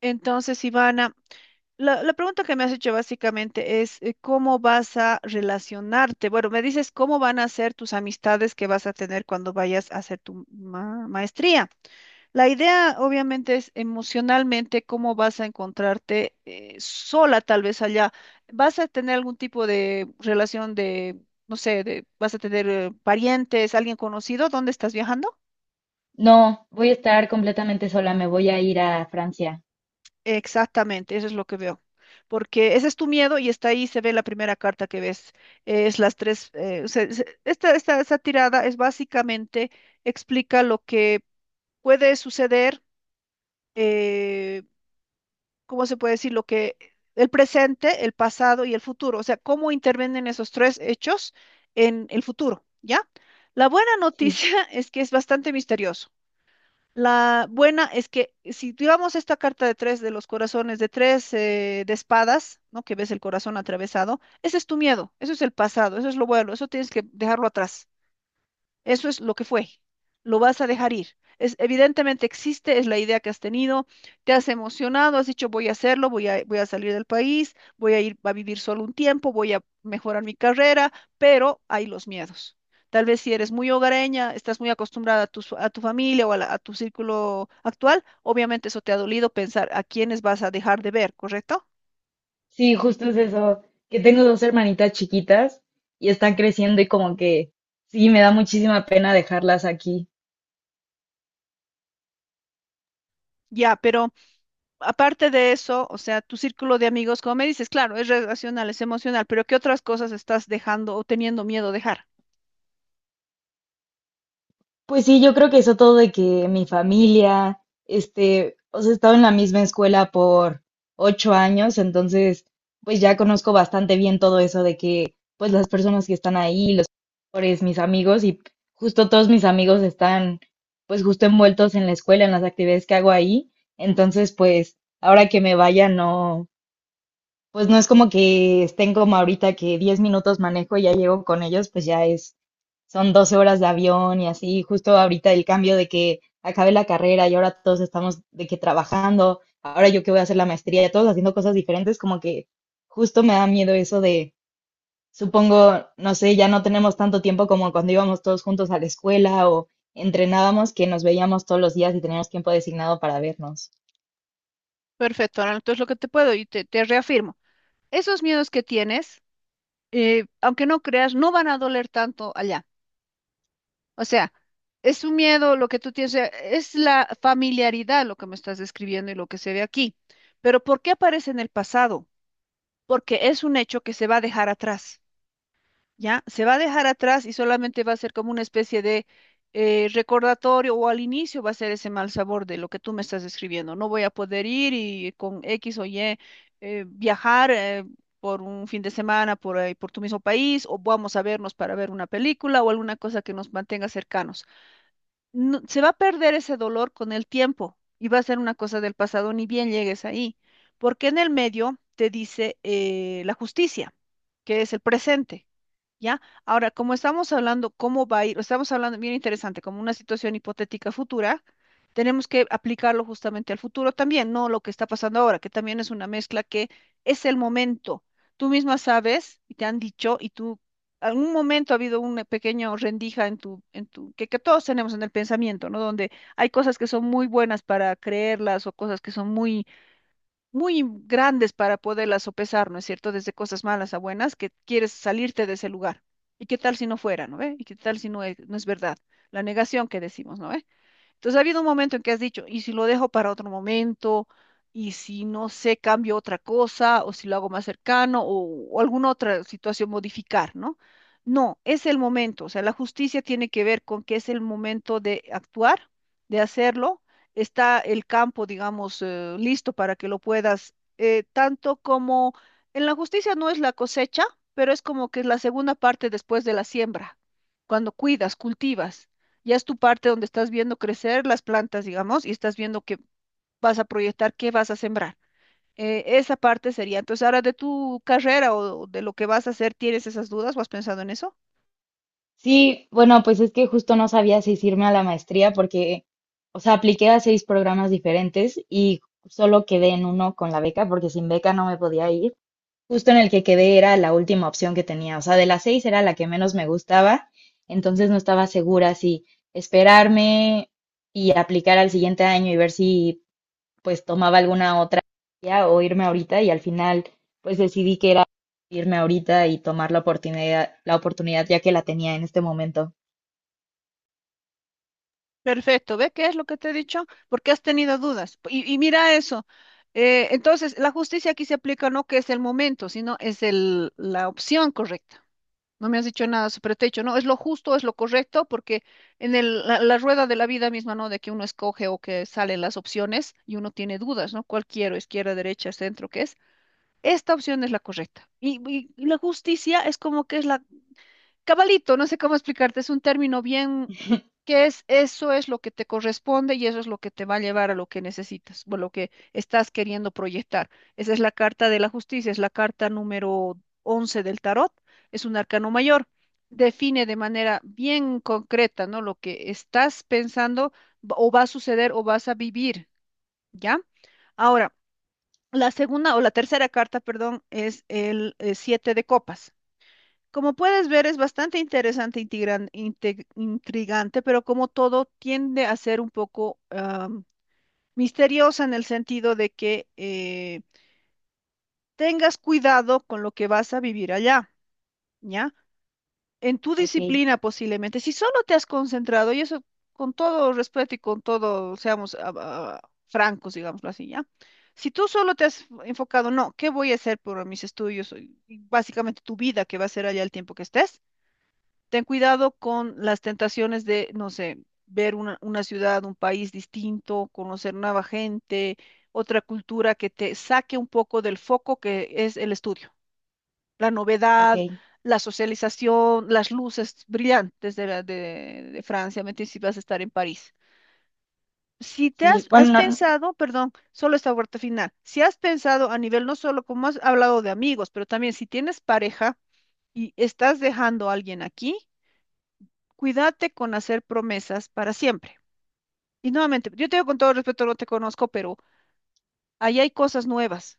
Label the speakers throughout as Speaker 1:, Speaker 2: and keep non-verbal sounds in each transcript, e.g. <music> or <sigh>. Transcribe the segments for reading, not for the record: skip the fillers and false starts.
Speaker 1: Entonces, Ivana, la pregunta que me has hecho básicamente es ¿cómo vas a relacionarte? Bueno, me dices cómo van a ser tus amistades que vas a tener cuando vayas a hacer tu maestría. La idea, obviamente, es emocionalmente cómo vas a encontrarte sola tal vez allá. ¿Vas a tener algún tipo de relación de, no sé, de, vas a tener parientes, alguien conocido? ¿Dónde estás viajando?
Speaker 2: No, voy a estar completamente sola, me voy a ir a Francia.
Speaker 1: Exactamente, eso es lo que veo. Porque ese es tu miedo y está ahí, se ve la primera carta que ves. Es las tres. O sea, esta tirada es básicamente, explica lo que puede suceder, eh, ¿cómo se puede decir? Lo que el presente, el pasado y el futuro. O sea, cómo intervienen esos tres hechos en el futuro, ¿ya? La buena
Speaker 2: Sí,
Speaker 1: noticia <laughs> es que es bastante misterioso. La buena es que si tiramos esta carta de tres de los corazones, de tres de espadas, ¿no? Que ves el corazón atravesado, ese es tu miedo, eso es el pasado, eso es lo bueno, eso tienes que dejarlo atrás. Eso es lo que fue. Lo vas a dejar ir. Es, evidentemente existe, es la idea que has tenido, te has emocionado, has dicho voy a hacerlo, voy a, voy a salir del país, voy a ir a vivir solo un tiempo, voy a mejorar mi carrera, pero hay los miedos. Tal vez si eres muy hogareña, estás muy acostumbrada a tu familia o a tu círculo actual, obviamente eso te ha dolido pensar a quiénes vas a dejar de ver, ¿correcto?
Speaker 2: sí, justo es eso, que tengo dos hermanitas chiquitas y están creciendo y como que sí, me da muchísima pena dejarlas aquí.
Speaker 1: Ya, pero aparte de eso, o sea, tu círculo de amigos, como me dices, claro, es relacional, es emocional, pero ¿qué otras cosas estás dejando o teniendo miedo de dejar?
Speaker 2: Pues sí, yo creo que eso todo de que mi familia, este, o sea, he estado en la misma escuela por 8 años, entonces, pues ya conozco bastante bien todo eso de que, pues las personas que están ahí, los profesores, mis amigos, y justo todos mis amigos están, pues justo envueltos en la escuela, en las actividades que hago ahí, entonces, pues ahora que me vaya, no pues no es como que estén como ahorita que 10 minutos manejo y ya llego con ellos, pues ya es, son 12 horas de avión y así, justo ahorita el cambio de que acabé la carrera y ahora todos estamos de que trabajando, ahora yo que voy a hacer la maestría, todos haciendo cosas diferentes, como que justo me da miedo eso de, supongo, no sé, ya no tenemos tanto tiempo como cuando íbamos todos juntos a la escuela o entrenábamos que nos veíamos todos los días y teníamos tiempo designado para vernos.
Speaker 1: Perfecto, ahora entonces lo que te puedo y te reafirmo, esos miedos que tienes, aunque no creas, no van a doler tanto allá. O sea, es un miedo lo que tú tienes, o sea, es la familiaridad lo que me estás describiendo y lo que se ve aquí. Pero ¿por qué aparece en el pasado? Porque es un hecho que se va a dejar atrás. ¿Ya? Se va a dejar atrás y solamente va a ser como una especie de recordatorio o al inicio va a ser ese mal sabor de lo que tú me estás escribiendo. No voy a poder ir y con X o Y viajar por un fin de semana por ahí, por tu mismo país o vamos a vernos para ver una película o alguna cosa que nos mantenga cercanos. Se va a perder ese dolor con el tiempo y va a ser una cosa del pasado ni bien llegues ahí, porque en el medio te dice la justicia, que es el presente. ¿Ya? Ahora, como estamos hablando cómo va a ir, estamos hablando bien interesante, como una situación hipotética futura, tenemos que aplicarlo justamente al futuro también, no lo que está pasando ahora, que también es una mezcla que es el momento. Tú misma sabes y te han dicho y tú, algún momento ha habido una pequeña rendija en tu, que todos tenemos en el pensamiento, ¿no? Donde hay cosas que son muy buenas para creerlas o cosas que son muy muy grandes para poderlas sopesar, ¿no es cierto? Desde cosas malas a buenas, que quieres salirte de ese lugar. ¿Y qué tal si no fuera, no ve? ¿Y qué tal si no es, verdad? La negación que decimos, ¿no ve? Entonces ha habido un momento en que has dicho, ¿y si lo dejo para otro momento? ¿Y si no sé, cambio otra cosa? ¿O si lo hago más cercano? O alguna otra situación modificar, ¿no? No, es el momento. O sea, la justicia tiene que ver con que es el momento de actuar, de hacerlo. Está el campo, digamos, listo para que lo puedas, tanto como en la justicia no es la cosecha, pero es como que es la segunda parte después de la siembra, cuando cuidas, cultivas. Ya es tu parte donde estás viendo crecer las plantas, digamos, y estás viendo que vas a proyectar qué vas a sembrar. Esa parte sería. Entonces, ahora de tu carrera o de lo que vas a hacer, ¿tienes esas dudas o has pensado en eso?
Speaker 2: Sí, bueno, pues es que justo no sabía si irme a la maestría porque, o sea, apliqué a 6 programas diferentes y solo quedé en uno con la beca porque sin beca no me podía ir. Justo en el que quedé era la última opción que tenía, o sea, de las 6 era la que menos me gustaba, entonces no estaba segura si esperarme y aplicar al siguiente año y ver si pues tomaba alguna otra ya, o irme ahorita y al final pues decidí que era irme ahorita y tomar la oportunidad ya que la tenía en este momento.
Speaker 1: Perfecto, ¿ve qué es lo que te he dicho? Porque has tenido dudas. Y mira eso. Entonces, la justicia aquí se aplica no que es el momento, sino es la opción correcta. No me has dicho nada, pero te he dicho, no, es lo justo, es lo correcto, porque la rueda de la vida misma, ¿no? De que uno escoge o que salen las opciones y uno tiene dudas, ¿no? ¿Cuál quiero? Izquierda, derecha, centro, ¿qué es? Esta opción es la correcta. Y la justicia es como que es la, cabalito, no sé cómo explicarte, es un término bien que es eso es lo que te corresponde y eso es lo que te va a llevar a lo que necesitas o lo que estás queriendo proyectar. Esa es la carta de la justicia, es la carta número 11 del tarot, es un arcano mayor. Define de manera bien concreta, ¿no? Lo que estás pensando o va a suceder o vas a vivir, ¿ya? Ahora, la segunda o la tercera carta, perdón, es el siete de copas. Como puedes ver, es bastante interesante, intrigante, pero como todo tiende a ser un poco misteriosa en el sentido de que tengas cuidado con lo que vas a vivir allá, ¿ya? En tu
Speaker 2: Ok,
Speaker 1: disciplina posiblemente, si solo te has concentrado, y eso con todo respeto y con todo, seamos francos, digámoslo así, ¿ya? Si tú solo te has enfocado, no, ¿qué voy a hacer por mis estudios? Y básicamente tu vida que va a ser allá el tiempo que estés, ten cuidado con las tentaciones de, no sé, ver una ciudad, un país distinto, conocer nueva gente, otra cultura que te saque un poco del foco que es el estudio, la
Speaker 2: ok.
Speaker 1: novedad, la socialización, las luces brillantes de Francia, mete si vas a estar en París. Si
Speaker 2: Sí,
Speaker 1: has
Speaker 2: bueno, no,
Speaker 1: pensado, perdón, solo esta vuelta final, si has pensado a nivel no solo como has hablado de amigos, pero también si tienes pareja y estás dejando a alguien aquí, cuídate con hacer promesas para siempre. Y nuevamente, yo te digo con todo respeto, no te conozco, pero ahí hay cosas nuevas,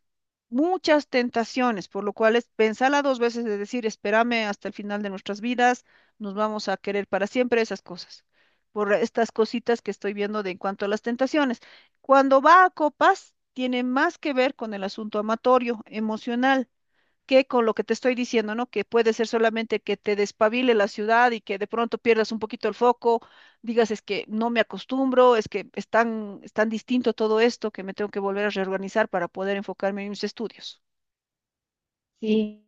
Speaker 1: muchas tentaciones, por lo cual es pensarla dos veces de decir, espérame hasta el final de nuestras vidas, nos vamos a querer para siempre esas cosas, por estas cositas que estoy viendo de en cuanto a las tentaciones. Cuando va a copas, tiene más que ver con el asunto amatorio, emocional que con lo que te estoy diciendo, ¿no? Que puede ser solamente que te despabile la ciudad y que de pronto pierdas un poquito el foco, digas es que no me acostumbro, es que es tan distinto todo esto que me tengo que volver a reorganizar para poder enfocarme en mis estudios.
Speaker 2: sí.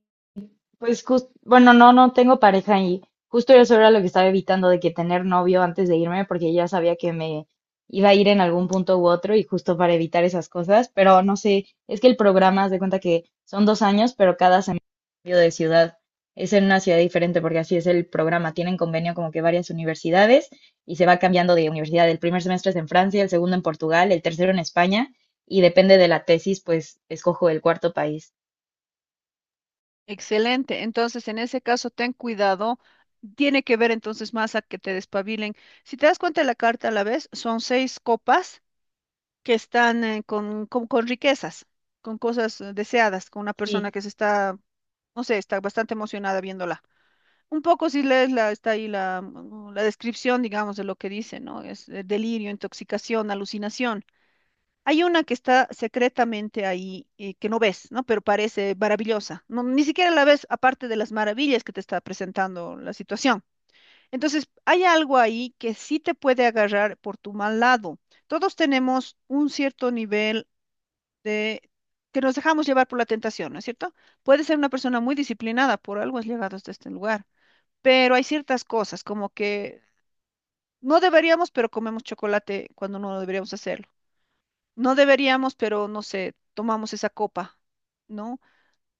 Speaker 2: Pues justo, bueno, no, no tengo pareja y justo eso era lo que estaba evitando de que tener novio antes de irme, porque ya sabía que me iba a ir en algún punto u otro y justo para evitar esas cosas, pero no sé, es que el programa, haz de cuenta que son 2 años, pero cada semestre cambio de ciudad, es en una ciudad diferente, porque así es el programa, tienen convenio como que varias universidades y se va cambiando de universidad, el primer semestre es en Francia, el segundo en Portugal, el tercero en España y depende de la tesis, pues escojo el cuarto país.
Speaker 1: Excelente. Entonces, en ese caso, ten cuidado. Tiene que ver entonces más a que te despabilen. Si te das cuenta de la carta a la vez, son seis copas. Que están con riquezas, con cosas deseadas, con una persona
Speaker 2: Sí.
Speaker 1: que se está, no sé, está bastante emocionada viéndola. Un poco si lees la, está ahí la descripción, digamos, de lo que dice, ¿no? Es delirio, intoxicación, alucinación. Hay una que está secretamente ahí que no ves, ¿no? Pero parece maravillosa. No, ni siquiera la ves aparte de las maravillas que te está presentando la situación. Entonces, hay algo ahí que sí te puede agarrar por tu mal lado. Todos tenemos un cierto nivel de que nos dejamos llevar por la tentación, ¿no es cierto? Puede ser una persona muy disciplinada, por algo has llegado hasta este lugar, pero hay ciertas cosas como que no deberíamos, pero comemos chocolate cuando no deberíamos hacerlo. No deberíamos, pero no sé, tomamos esa copa, ¿no?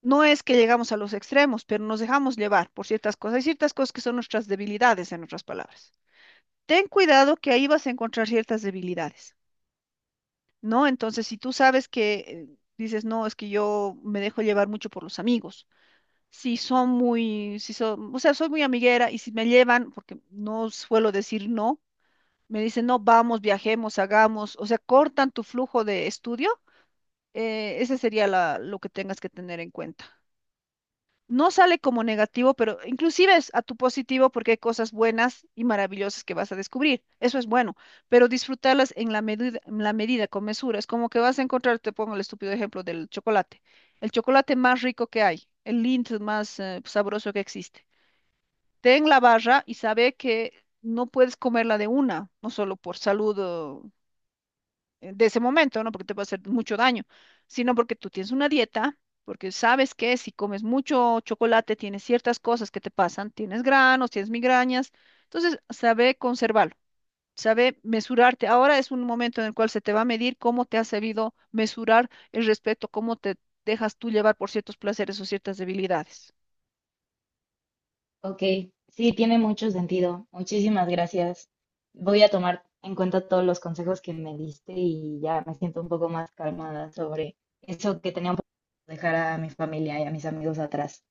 Speaker 1: No es que llegamos a los extremos, pero nos dejamos llevar por ciertas cosas. Hay ciertas cosas que son nuestras debilidades, en otras palabras. Ten cuidado que ahí vas a encontrar ciertas debilidades. ¿No? Entonces, si tú sabes que dices, no, es que yo me dejo llevar mucho por los amigos. Si son, o sea, soy muy amiguera y si me llevan, porque no suelo decir no, me dicen, no, vamos, viajemos, hagamos, o sea, cortan tu flujo de estudio, ese sería lo que tengas que tener en cuenta, no sale como negativo, pero inclusive es a tu positivo porque hay cosas buenas y maravillosas que vas a descubrir. Eso es bueno, pero disfrutarlas en la medida, con mesura. Es como que vas a encontrar, te pongo el estúpido ejemplo del chocolate, el chocolate más rico que hay, el Lindt más sabroso que existe. Ten la barra y sabe que no puedes comerla de una, no solo por salud de ese momento, no porque te puede hacer mucho daño, sino porque tú tienes una dieta, porque sabes que si comes mucho chocolate tienes ciertas cosas que te pasan, tienes granos, tienes migrañas, entonces sabe conservarlo. Sabe mesurarte. Ahora es un momento en el cual se te va a medir cómo te has sabido mesurar el respeto, cómo te dejas tú llevar por ciertos placeres o ciertas debilidades.
Speaker 2: Ok, sí, tiene mucho sentido. Muchísimas gracias. Voy a tomar en cuenta todos los consejos que me diste y ya me siento un poco más calmada sobre eso que tenía un poco dejar a mi familia y a mis amigos atrás.